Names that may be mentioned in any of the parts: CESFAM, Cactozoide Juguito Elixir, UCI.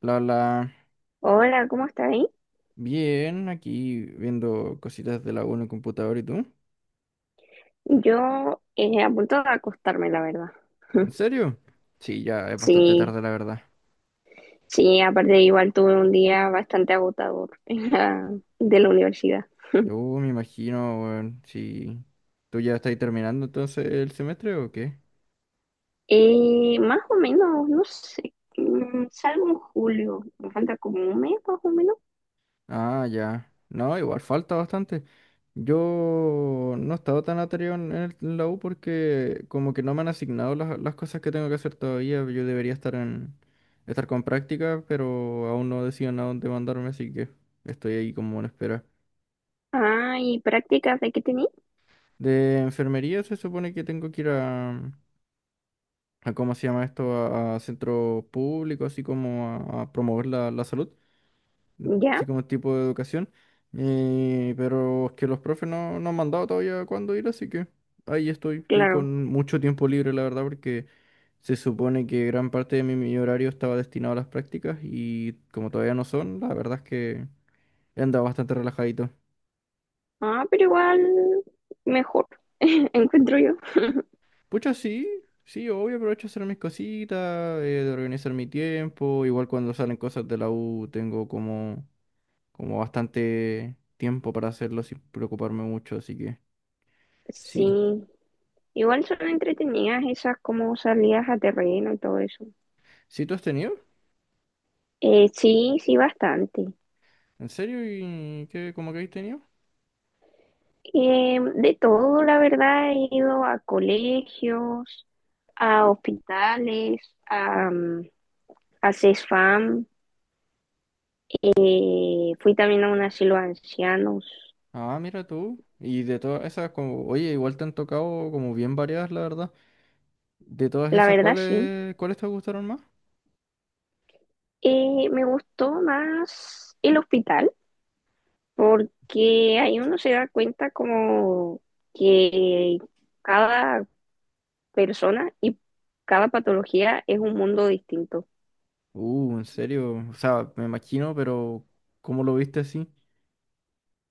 La, la. Hola, ¿cómo está ahí? Bien, aquí viendo cositas de la U en el computador y tú. Yo a punto de acostarme, la verdad. ¿En serio? Sí, ya es bastante Sí, tarde, la verdad. sí, aparte igual tuve un día bastante agotador de la universidad. Me imagino, weón, si tú ya estás terminando entonces el semestre o qué. Más o menos, no sé, salgo en julio, me falta como un mes más o menos. Ah, ya. No, igual falta bastante. Yo no he estado tan atareado en la U porque como que no me han asignado las cosas que tengo que hacer todavía. Yo debería estar con práctica, pero aún no decían a dónde mandarme, así que estoy ahí como en espera. Ah, ¿y prácticas de qué tenía? De enfermería se supone que tengo que ir a ¿cómo se llama esto? A centros públicos, así como a promover la salud, Ya, así como tipo de educación. Pero es que los profes no han mandado todavía cuándo ir, así que ahí estoy claro. con mucho tiempo libre, la verdad, porque se supone que gran parte de mi horario estaba destinado a las prácticas y como todavía no son, la verdad es que he andado bastante relajadito. Ah, pero igual mejor, encuentro yo. Pucha, sí, sí, obvio, aprovecho a hacer mis cositas, de organizar mi tiempo. Igual cuando salen cosas de la U tengo como bastante tiempo para hacerlo sin preocuparme mucho, así que sí. Sí, igual son entretenidas esas como salidas a terreno y todo eso. ¿Sí tú has tenido? Sí, sí, bastante. ¿En serio? ¿Y qué, cómo que has tenido? De todo, la verdad, he ido a colegios, a hospitales, a, mm, a CESFAM, fui también a un asilo de ancianos. Ah, mira tú. Y de todas esas, como, oye, igual te han tocado como bien variadas, la verdad. De todas La esas, verdad, sí. ¿cuáles te gustaron más? Me gustó más el hospital porque ahí uno se da cuenta como que cada persona y cada patología es un mundo distinto. En serio. O sea, me imagino, pero ¿cómo lo viste así?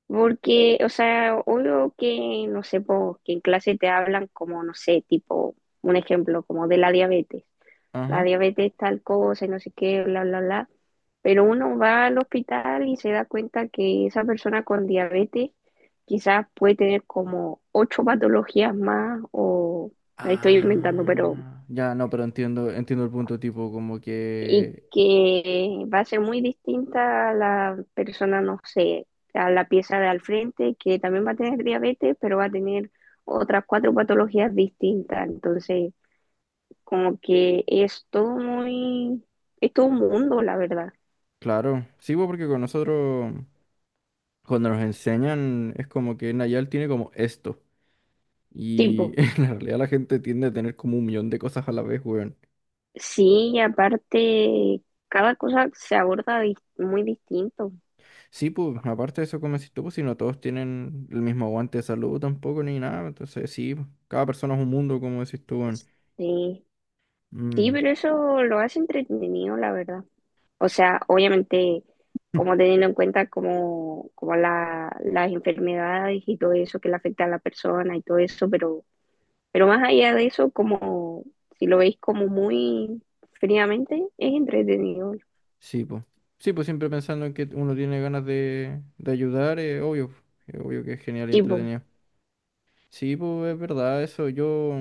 Porque, o sea, obvio que, no sé, po, que en clase te hablan como, no sé, tipo, un ejemplo, como de la diabetes. La Ajá. diabetes tal cosa y no sé qué, bla, bla, bla. Pero uno va al hospital y se da cuenta que esa persona con diabetes quizás puede tener como ocho patologías más o, me estoy inventando, pero Ah, ya, no, pero entiendo el punto, tipo, como y que, que va a ser muy distinta a la persona, no sé, a la pieza de al frente, que también va a tener diabetes, pero va a tener otras cuatro patologías distintas. Entonces, como que es todo muy, es todo un mundo, la verdad. claro, sí, pues, porque con nosotros, cuando nos enseñan, es como que Nayal tiene como esto, y Tipo, en la realidad la gente tiende a tener como un millón de cosas a la vez, weón. sí, y aparte, cada cosa se aborda muy distinto. Sí, pues, aparte de eso, como decís tú, pues, si no todos tienen el mismo aguante de salud tampoco, ni nada, entonces sí, pues, cada persona es un mundo, como decís tú, weón. Sí, sí, Mm. pero eso lo hace entretenido, la verdad. O sea, obviamente, como teniendo en cuenta como, las enfermedades y todo eso que le afecta a la persona y todo eso, pero más allá de eso, como si lo veis como muy fríamente, es entretenido. Sí, pues. Sí, pues siempre pensando en que uno tiene ganas de ayudar, es obvio. Es obvio que es genial y Sí pues, entretenido. Sí, pues es verdad, eso. Yo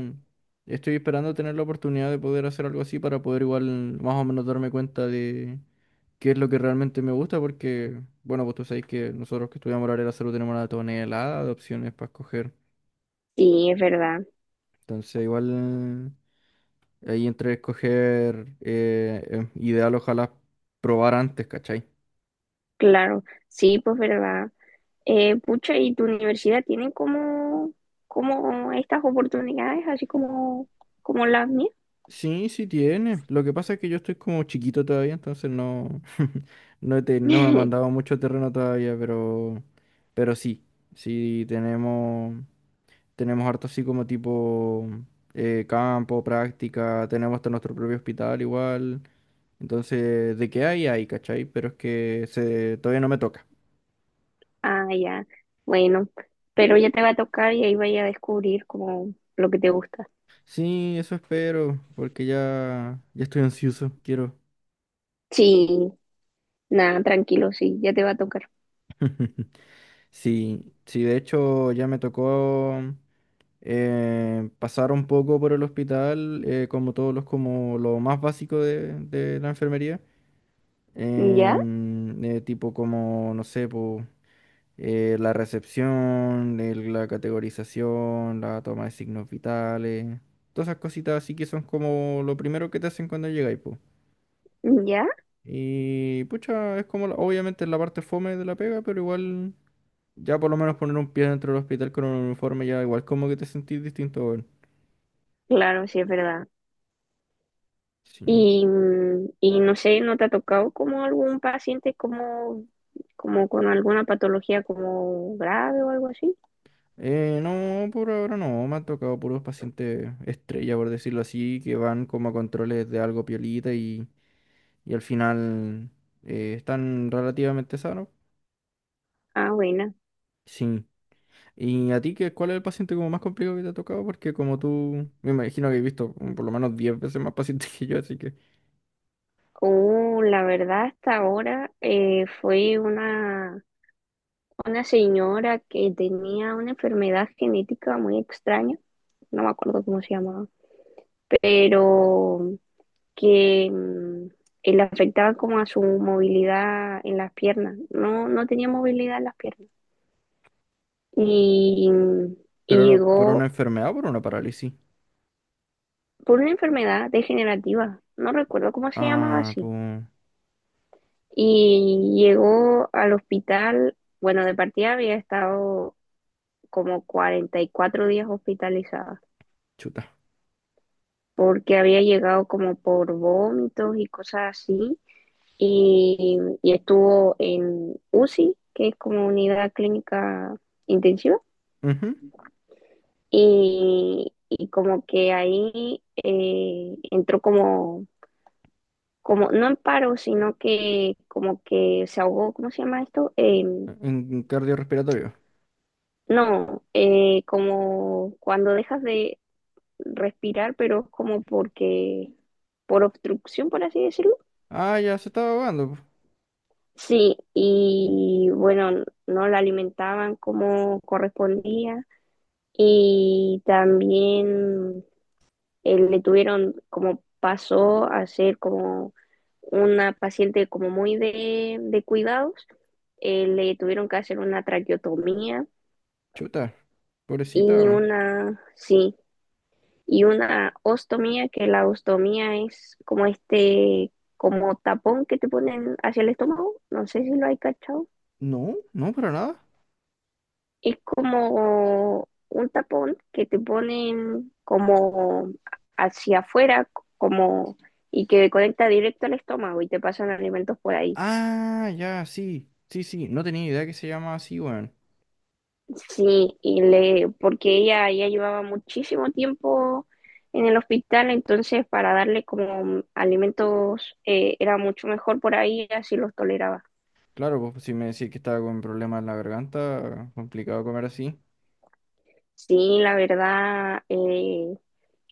estoy esperando tener la oportunidad de poder hacer algo así para poder igual más o menos darme cuenta de qué es lo que realmente me gusta, porque, bueno, pues tú sabes que nosotros que estudiamos la área de la salud tenemos una tonelada de opciones para escoger. sí, es verdad, Entonces, igual ahí entre escoger ideal, ojalá probar antes, ¿cachai? claro, sí, pues verdad. Pucha, ¿y tu universidad tiene como, como estas oportunidades, así como, las mías? Sí, sí tiene. Lo que pasa es que yo estoy como chiquito todavía, entonces no, no, no me han mandado mucho terreno todavía, pero sí, sí tenemos, tenemos harto así como tipo campo, práctica, tenemos hasta nuestro propio hospital igual. Entonces, de qué hay, hay, ¿cachai? Pero es que se, todavía no me toca. Ah, ya. Bueno, pero ya te va a tocar y ahí vaya a descubrir como lo que te gusta. Sí, eso espero, porque ya, ya estoy ansioso, quiero. Sí, nada, tranquilo, sí, ya te va a tocar. Sí, sí, de hecho ya me tocó. Pasar un poco por el hospital, como todos los, como lo más básico de la enfermería, ¿Ya? Tipo como, no sé, po, la recepción, la categorización, la toma de signos vitales, todas esas cositas así que son como lo primero que te hacen cuando llegáis, po. ¿Ya? Y pucha, es como, obviamente es la parte fome de la pega, pero igual... Ya por lo menos poner un pie dentro del hospital con un uniforme ya igual como que te sentís distinto, weón. Claro, sí, es verdad. Sí. Y no sé, ¿no te ha tocado como algún paciente como, con alguna patología como grave o algo así? No, por ahora no, me han tocado puros pacientes estrella, por decirlo así, que van como a controles de algo piolita y al final están relativamente sanos. Ah, buena. Sí. ¿Y a ti qué, cuál es el paciente como más complicado que te ha tocado? Porque como tú, me imagino que he visto por lo menos 10 veces más pacientes que yo, así que... Oh, la verdad, hasta ahora fue una señora que tenía una enfermedad genética muy extraña no me acuerdo cómo se llamaba, pero que le afectaba como a su movilidad en las piernas. No, no tenía movilidad en las piernas. Y, ¿Pero y era por una llegó enfermedad o por una parálisis? por una enfermedad degenerativa, no recuerdo cómo se llamaba Ah, así. pues... Y llegó al hospital, bueno, de partida había estado como 44 días hospitalizada Chuta. porque había llegado como por vómitos y cosas así y estuvo en UCI, que es como unidad clínica intensiva, Ujú. y como que ahí entró como, no en paro, sino que como que se ahogó, ¿cómo se llama esto? En cardiorrespiratorio. No, como cuando dejas de respirar, pero es como porque, por obstrucción, por así decirlo. Ah, ya se estaba ahogando, po. Sí, y bueno, no la alimentaban como correspondía. Y también le tuvieron como pasó a ser como una paciente como muy de cuidados, le tuvieron que hacer una traqueotomía Chuta. Pobrecita, y weón. una, sí, y una ostomía, que la ostomía es como este, como tapón que te ponen hacia el estómago, no sé si lo hay cachado. No, no, para nada. Es como un tapón que te ponen como hacia afuera, como y que conecta directo al estómago y te pasan alimentos por ahí. Ah, ya, sí, sí, sí. No tenía idea que se llama así, weón. Sí, y le, porque ella ya llevaba muchísimo tiempo en el hospital, entonces para darle como alimentos era mucho mejor por ahí, así los toleraba. Claro, pues pues, si me decís que estaba con problemas en la garganta, complicado comer así. Sí, la verdad,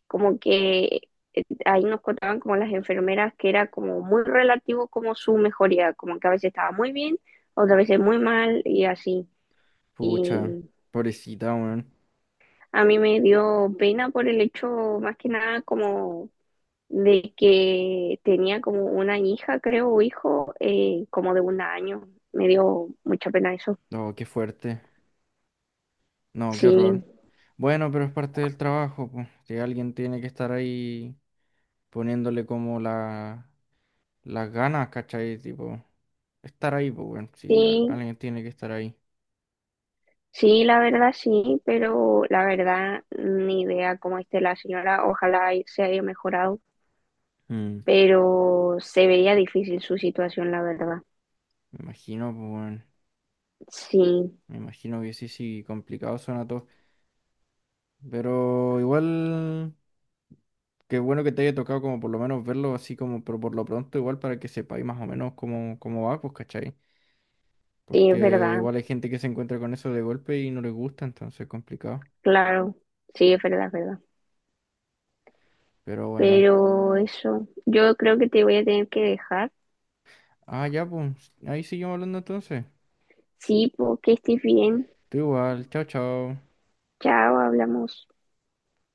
como que ahí nos contaban como las enfermeras que era como muy relativo como su mejoría, como que a veces estaba muy bien, otras veces muy mal y así. Pucha, Y pobrecita, weón. a mí me dio pena por el hecho más que nada como de que tenía como una hija, creo, o hijo, como de un año. Me dio mucha pena eso. No, qué fuerte. No, qué horror. Sí, Bueno, pero es parte del trabajo, pues. Si alguien tiene que estar ahí poniéndole como las ganas, ¿cachai? Tipo, estar ahí, pues, weón. Si sí, alguien tiene que estar ahí. sí, la verdad sí, pero la verdad ni idea cómo esté la señora. Ojalá y se haya mejorado. Mm, Pero se veía difícil su situación, la verdad. me imagino, pues, weón. Sí, Me imagino que sí, sí, complicado suena todo. Pero igual, qué bueno que te haya tocado como por lo menos verlo así como, pero por lo pronto igual para que sepáis más o menos cómo, cómo va, pues, ¿cachai? sí, es Porque verdad, igual hay gente que se encuentra con eso de golpe y no les gusta, entonces es complicado. claro, sí, es verdad, es verdad. Pero bueno. Pero eso, yo creo que te voy a tener que dejar. Ah, ya, pues, ahí seguimos hablando entonces. Sí, porque estés bien. Tú igual, chao, chao. Chao, hablamos.